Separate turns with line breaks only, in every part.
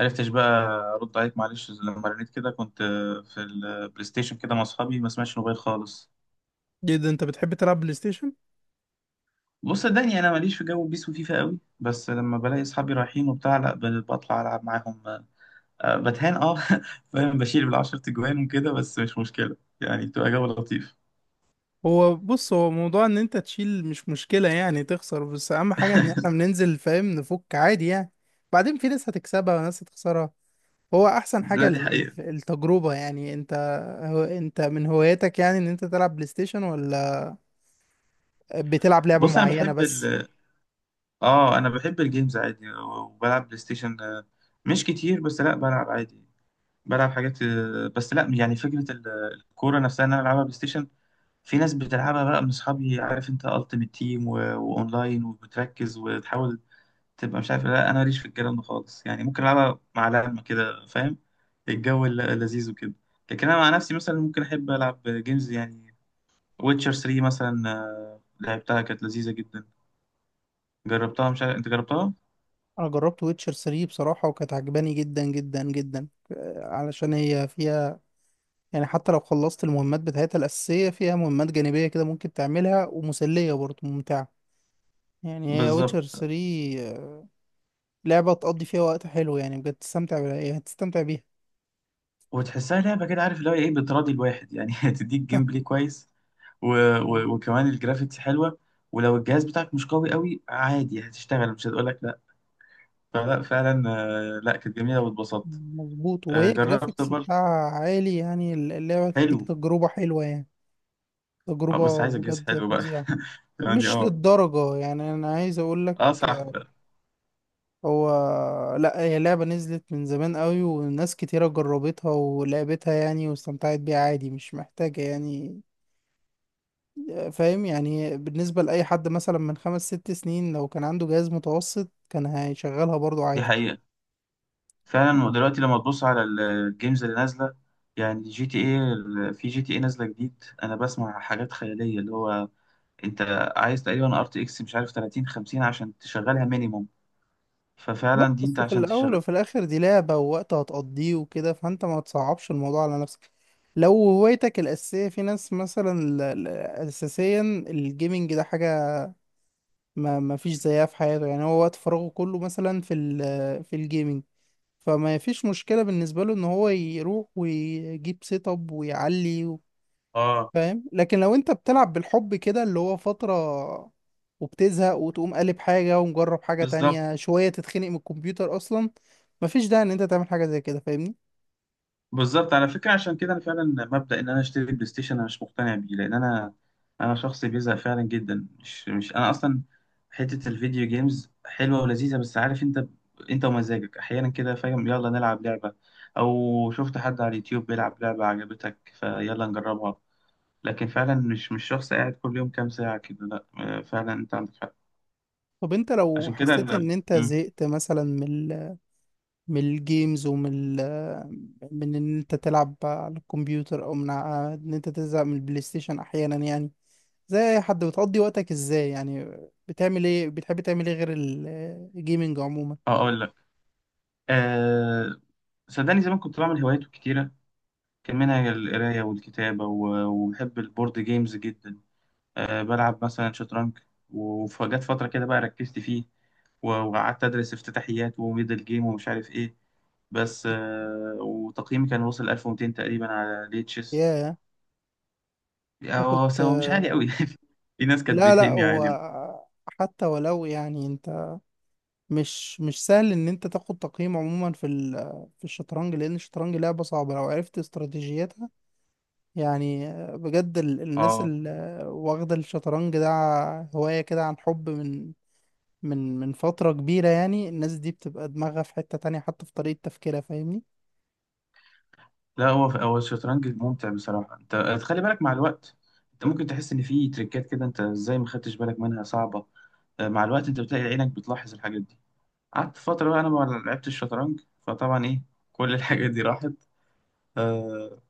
عرفتش بقى ارد عليك معلش لما رنيت كده، كنت في البلاي ستيشن كده مع اصحابي، ما سمعتش موبايل خالص.
جدا، انت بتحب تلعب بلاي ستيشن؟
بص صدقني انا ماليش في جو بيس وفيفا قوي، بس لما بلاقي اصحابي رايحين وبتاع لا بطلع العب معاهم. آه، بتهان اه. فاهم، بشيل بالعشر تجوان وكده، بس مش مشكله يعني، بتبقى جو لطيف.
هو بص، هو موضوع ان انت تشيل مش مشكلة، يعني تخسر، بس اهم حاجة ان احنا بننزل فاهم، نفك عادي يعني. بعدين في ناس هتكسبها وناس هتخسرها. هو احسن حاجة
لا دي حقيقه.
التجربة يعني انت. هو انت من هواياتك يعني ان انت تلعب بلاي ستيشن، ولا بتلعب لعبة
بص انا
معينة
بحب
بس؟
اه انا بحب الجيمز عادي، وبلعب بلاي ستيشن مش كتير، بس لا بلعب عادي. بلعب حاجات بس لا يعني، فكره الكوره نفسها ان انا العبها بلاي ستيشن، في ناس بتلعبها بقى من اصحابي، عارف انت، التيمت تيم واونلاين، وبتركز وتحاول تبقى مش عارف إيه، لا انا ماليش في الكلام ده خالص يعني، ممكن العبها مع لعبة كده، فاهم الجو لذيذ وكده. لكن انا مع نفسي مثلا ممكن احب العب جيمز، يعني ويتشر 3 مثلا، لعبتها كانت لذيذة جدا، جربتها؟ مش عارف انت جربتها؟
انا جربت ويتشر 3 بصراحة وكانت عجباني جدا جدا جدا، علشان هي فيها يعني حتى لو خلصت المهمات بتاعتها الأساسية فيها مهمات جانبية كده ممكن تعملها ومسلية برضه ممتعة. يعني هي ويتشر
بالظبط.
3 لعبة تقضي فيها وقت حلو يعني، بجد تستمتع بيها، يعني تستمتع بيها
وتحسها لعبة كده، عارف اللي هو ايه، بتراضي الواحد يعني، تديك جيم بلاي كويس و...
يعني.
وكمان الجرافيكس حلوة، ولو الجهاز بتاعك مش قوي قوي عادي هتشتغل، مش هتقول لك فلا، فعلا لا كانت جميلة واتبسطت.
مظبوط، وهي
جربت
جرافيكس
برضه،
بتاعها عالي يعني، اللعبة
حلو.
تديك تجربة حلوة يعني،
اه بس
تجربة
عايز اجهز،
بجد
حلو بقى،
فظيعة.
يعني
مش
اه.
للدرجة يعني، أنا عايز أقول لك.
اه صح فعلا.
هو لا، هي لعبة نزلت من زمان قوي وناس كتيرة جربتها ولعبتها يعني، واستمتعت بيها عادي، مش محتاجة يعني. فاهم يعني، بالنسبة لأي حد مثلا من خمس ست سنين لو كان عنده جهاز متوسط كان هيشغلها برضو
دي
عادي.
حقيقة، فعلا دلوقتي لما تبص على الجيمز اللي نازلة، يعني جي تي ايه، في جي تي ايه نازلة جديد، انا بسمع حاجات خيالية، اللي هو انت عايز تقريبا ار تي اكس مش عارف 30 50 عشان تشغلها مينيموم،
لا
ففعلا دي انت
بس في
عشان
الأول
تشغل
وفي الآخر دي لعبة ووقت هتقضيه وكده، فأنت ما تصعبش الموضوع على نفسك. لو هوايتك الأساسية، في ناس مثلا أساسيا الجيمنج ده حاجة ما فيش زيها في حياته، يعني هو وقت فراغه كله مثلا في في الجيمنج. فما فيش مشكلة بالنسبة له إن هو يروح ويجيب سيت أب ويعلي
اه.
فاهم. لكن لو انت بتلعب بالحب كده، اللي هو فترة وبتزهق وتقوم قالب حاجة ومجرب حاجة
بالظبط.
تانية، شوية تتخنق من الكمبيوتر أصلا، مفيش داعي إن أنت تعمل حاجة زي كده فاهمني؟
بالظبط على فكرة، عشان كده أنا فعلا مبدأ إن أنا أشتري بلاي ستيشن أنا مش مقتنع بيه، لأن أنا، أنا شخص بيزهق فعلا جدا، مش مش أنا أصلا. حتة الفيديو جيمز حلوة ولذيذة، بس عارف أنت، أنت ومزاجك أحيانا كده، فاهم يلا نلعب لعبة، أو شفت حد على اليوتيوب بيلعب لعبة عجبتك فيلا نجربها. لكن فعلا مش مش شخص قاعد كل يوم كام ساعة كده، لأ فعلا أنت عندك حق.
طب أنت لو
عشان كده
حسيت إن أنت زهقت مثلا من ال من الجيمز ومن ال من إن أنت تلعب على الكمبيوتر، أو من إن أنت تزهق من البلاي ستيشن أحيانا يعني، زي أي حد، بتقضي وقتك إزاي يعني؟ بتعمل إيه؟ بتحب تعمل إيه غير الجيمنج عموما؟
أه أقول لك، أه صدقني، زمان كنت بعمل هوايات كتيرة، كان منها القراية والكتابة، وبحب البورد جيمز جدا، أه بلعب مثلا شطرنج. وفجت فترة كده بقى ركزت فيه، وقعدت أدرس افتتاحيات وميدل جيم ومش عارف إيه، بس أه وتقييمي كان وصل 1200 تقريبا على ليتشس.
ياه، أنت
هو
كنت...
هو مش عالي قوي، في ناس كانت
لا لا،
بتهني
هو
عادي.
حتى ولو يعني انت، مش مش سهل ان انت تاخد تقييم عموما في في الشطرنج، لان الشطرنج لعبة صعبة لو عرفت استراتيجيتها. يعني بجد الناس
اه
اللي واخدة الشطرنج ده هواية كده، عن حب من من فترة كبيرة، يعني الناس دي بتبقى دماغها في حتة تانية حتى في طريقة تفكيرها فاهمني؟
لا، هو الشطرنج ممتع بصراحة. انت خلي بالك، مع الوقت انت ممكن تحس ان في تريكات كده انت ازاي ما خدتش بالك منها، صعبة. مع الوقت انت بتلاقي عينك بتلاحظ الحاجات دي. قعدت فترة بقى أنا ما لعبتش الشطرنج، فطبعا إيه، كل الحاجات دي راحت. آه،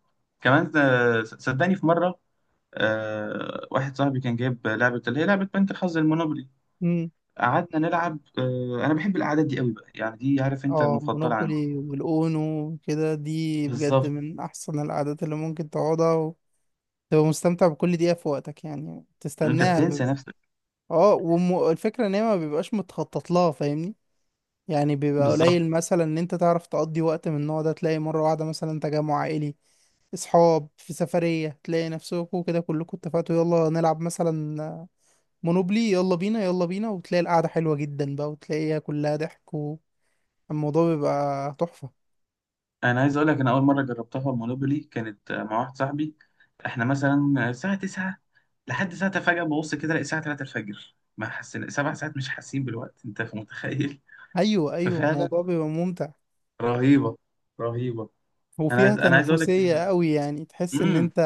كمان صدقني في مرة آه، واحد صاحبي كان جايب لعبة، اللي هي لعبة بنك الحظ، المونوبولي.
امم.
قعدنا نلعب آه، أنا بحب القعدات دي قوي بقى، يعني دي عارف أنت
اه،
المفضلة عندي.
مونوبولي والاونو كده، دي بجد
بالظبط،
من احسن العادات اللي ممكن تقعدها. تبقى مستمتع بكل دقيقة في وقتك يعني،
أنت
تستناها
بتنسى
ب...
نفسك.
اه، والفكرة ان هي ما بيبقاش متخطط لها فاهمني؟ يعني بيبقى
بالظبط،
قليل مثلا ان انت تعرف تقضي وقت من النوع ده، تلاقي مرة واحدة مثلا تجمع عائلي، اصحاب في سفرية، تلاقي نفسكوا كده كلكوا اتفقتوا يلا نلعب مثلا مونوبلي، يلا بينا يلا بينا، وتلاقي القعدة حلوة جدا بقى وتلاقيها كلها ضحك والموضوع بيبقى تحفة.
أنا عايز أقول لك، أنا أول مرة جربتها المونوبولي كانت مع واحد صاحبي، إحنا مثلا الساعة 9 لحد ساعة، فجأة ببص كده ألاقي الساعة 3 الفجر، ما حسينا 7 ساعات، مش حاسين بالوقت، أنت متخيل؟
ايوه ايوه،
ففعلا
الموضوع بيبقى ممتع،
رهيبه، رهيبه. انا
وفيها
عايز انا عايز اقول لك
تنافسية
ان
قوي يعني، تحس ان
امم
انت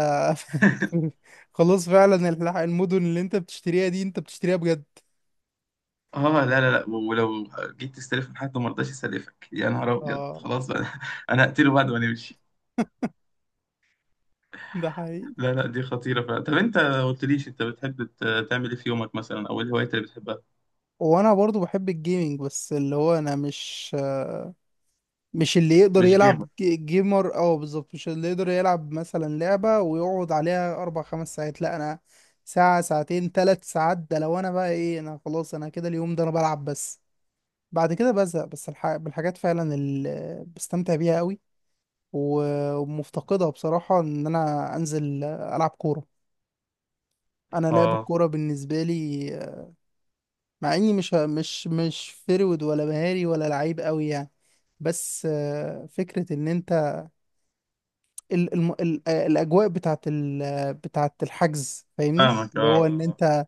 خلاص فعلا المدن اللي انت بتشتريها دي انت بتشتريها بجد.
اه. لا لا لا، ولو جيت تستلف من حد وما رضاش يسلفك، يا نهار ابيض،
اه.
خلاص بقى، انا هقتله بعد ما نمشي.
ده حقيقي.
لا لا دي خطيره فعلا. طب انت ما قلتليش، انت بتحب تعمل ايه في يومك مثلا، او ايه الهوايات اللي بتحبها؟
وانا برضو بحب الجيمنج، بس اللي هو انا مش، مش اللي يقدر
مش
يلعب
جيمك
جيمر، اه بالظبط، مش اللي يقدر يلعب مثلا لعبة ويقعد عليها اربع خمس ساعات، لا انا ساعة ساعتين ثلاث ساعات، ده لو انا بقى، ايه انا خلاص، انا كده اليوم ده انا بلعب بس، بعد كده بزهق. بس بالحاجات فعلا اللي بستمتع بيها قوي و- ومفتقدها بصراحة، ان انا انزل العب كورة. انا لعب
اه،
الكوره بالنسبه لي، مع اني مش فرود ولا مهاري ولا لعيب قوي يعني، بس فكره ان انت ال ال ال آه، الاجواء بتاعت بتاعت الحجز فاهمني،
فاهمك
اللي
اه
هو ان
آه.
انت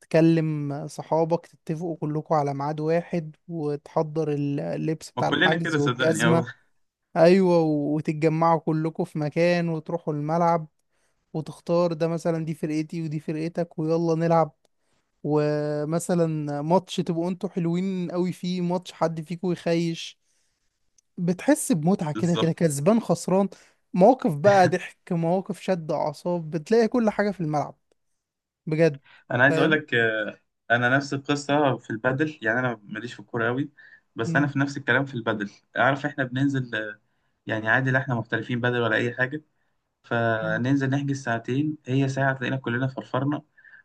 تكلم صحابك تتفقوا كلكم على ميعاد واحد، وتحضر اللبس
ما
بتاع
كلنا
الحجز
كده صدقني
والجزمه.
اه.
ايوه، وتتجمعوا كلكم في مكان وتروحوا الملعب، وتختار ده، مثلا دي فرقتي ودي فرقتك ويلا نلعب، ومثلا ماتش تبقوا انتوا حلوين قوي فيه، ماتش حد فيكم يخيش، بتحس بمتعة كده، كده
بالظبط،
كسبان خسران، مواقف بقى ضحك، مواقف شد أعصاب، بتلاقي كل حاجة في الملعب بجد
انا عايز اقول
فاهم.
لك انا نفس القصه في البادل، يعني انا ماليش في الكوره قوي، بس انا
مم.
في نفس الكلام في البادل. عارف احنا بننزل، يعني عادي لا، احنا محترفين بدل ولا اي حاجه،
مم.
فننزل نحجز ساعتين، هي ساعه تلاقينا كلنا فرفرنا،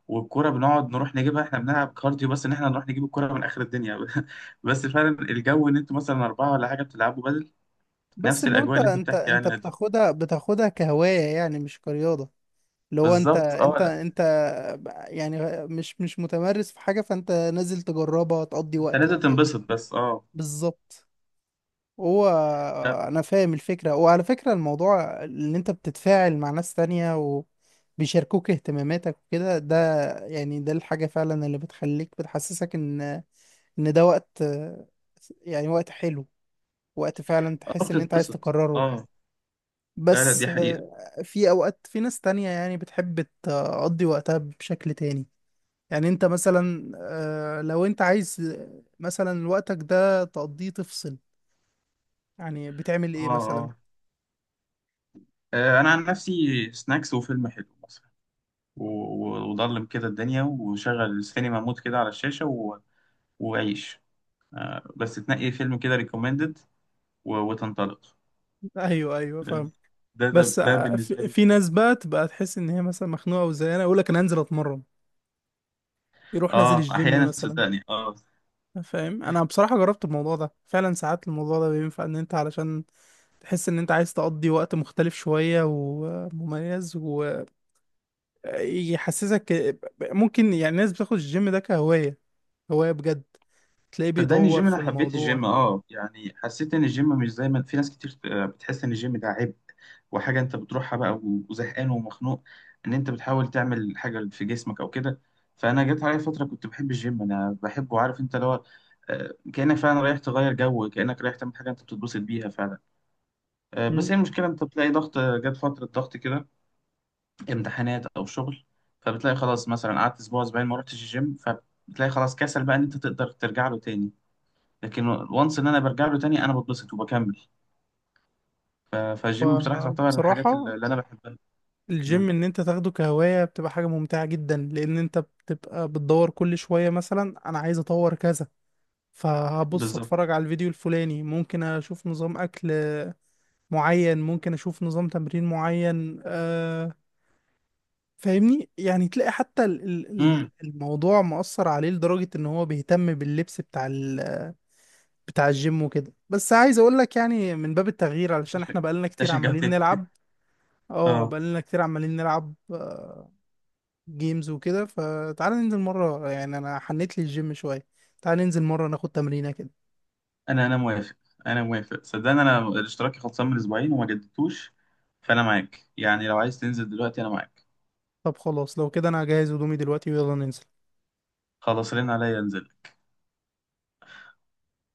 والكرة بنقعد نروح نجيبها، احنا بنلعب كارديو بس ان احنا نروح نجيب الكرة من اخر الدنيا. بس فعلا الجو ان انتوا مثلا اربعة ولا حاجة بتلعبوا بدل،
بس
نفس
اللي هو
الاجواء
انت
اللي انت
انت
بتحكي
انت
عنها دي،
بتاخدها، بتاخدها كهواية يعني، مش كرياضة. اللي هو انت
بالظبط اه.
انت
لا،
انت يعني مش مش متمرس في حاجة، فانت نازل تجربها تقضي
انت
وقتك
لازم
فاهم؟
تنبسط بس اه.
بالظبط. هو
لا،
انا فاهم الفكره، وعلى فكره الموضوع ان انت بتتفاعل مع ناس تانية وبيشاركوك اهتماماتك وكده، ده يعني ده الحاجه فعلا اللي بتخليك، بتحسسك ان ده وقت، يعني وقت حلو، وقت فعلا
اه
تحس ان انت عايز
بتتبسط
تكرره.
اه. لا لا
بس
دي حقيقة
في اوقات في ناس تانية يعني بتحب تقضي وقتها بشكل تاني. يعني انت مثلا، لو انت عايز مثلا وقتك ده تقضيه تفصل، يعني بتعمل
اه
ايه مثلا؟
اه. انا عن نفسي سناكس وفيلم حلو مثلا، وضلم كده الدنيا، وشغل السينما مود كده على الشاشة، وعيش، بس تنقي فيلم كده ريكومندد وتنطلق.
ايوه ايوه فاهم.
ده ده
بس
ده بالنسبه
في
لي.
ناس بقى تبقى تحس ان هي مثلا مخنوقه، وزي انا يقول لك انا هنزل اتمرن، يروح نازل
اه
الجيم
احيانا
مثلا
صدقني اه.
فاهم. انا بصراحه جربت الموضوع ده فعلا، ساعات الموضوع ده بينفع ان انت، علشان تحس ان انت عايز تقضي وقت مختلف شويه ومميز ويحسسك. ممكن يعني الناس بتاخد الجيم ده كهوايه، هوايه بجد، تلاقيه
صدقني
بيدور
الجيم،
في
انا حبيت الجيم
الموضوع.
اه، يعني حسيت ان الجيم مش زي ما في ناس كتير بتحس ان الجيم ده عبء، وحاجه انت بتروحها بقى وزهقان ومخنوق، ان انت بتحاول تعمل حاجه في جسمك او كده. فانا جت عليا فتره كنت بحب الجيم، انا بحبه عارف انت، اللي هو كانك فعلا رايح تغير جو، كانك رايح تعمل حاجه انت بتتبسط بيها فعلا. بس هي
مم.
المشكله انت بتلاقي ضغط، جت فتره ضغط كده، امتحانات او شغل، فبتلاقي خلاص مثلا قعدت اسبوع اسبوعين ما رحتش الجيم، فبتلاقي خلاص كسل بقى ان انت تقدر ترجع له تاني. لكن وانس ان انا برجع له تاني، انا بتبسط وبكمل. فالجيم بصراحه تعتبر من الحاجات
وبصراحه
اللي انا بحبها. مم.
الجيم، ان انت تاخده كهواية بتبقى حاجة ممتعة جدا، لان انت بتبقى بتدور كل شوية، مثلا انا عايز اطور كذا، فهبص
بالظبط.
اتفرج على الفيديو الفلاني، ممكن اشوف نظام اكل معين، ممكن اشوف نظام تمرين معين آه، فاهمني؟ يعني تلاقي حتى
امم
الموضوع مؤثر عليه لدرجة ان هو بيهتم باللبس بتاع بتاع الجيم وكده. بس عايز اقول لك يعني من باب التغيير، علشان احنا بقالنا
ده
كتير عمالين
شجعتني
نلعب، اه
اه.
بقالنا كتير عمالين نلعب جيمز وكده، فتعال ننزل مرة يعني، أنا حنيت لي الجيم شوية، تعال ننزل مرة ناخد تمرينة كده.
انا موافق، انا موافق صدقني، انا الاشتراك خلصان من اسبوعين وما جددتوش، فانا معاك يعني، لو عايز تنزل دلوقتي انا معاك.
طب خلاص لو كده أنا هجهز هدومي دلوقتي ويلا ننزل.
خلاص رن عليا انزل.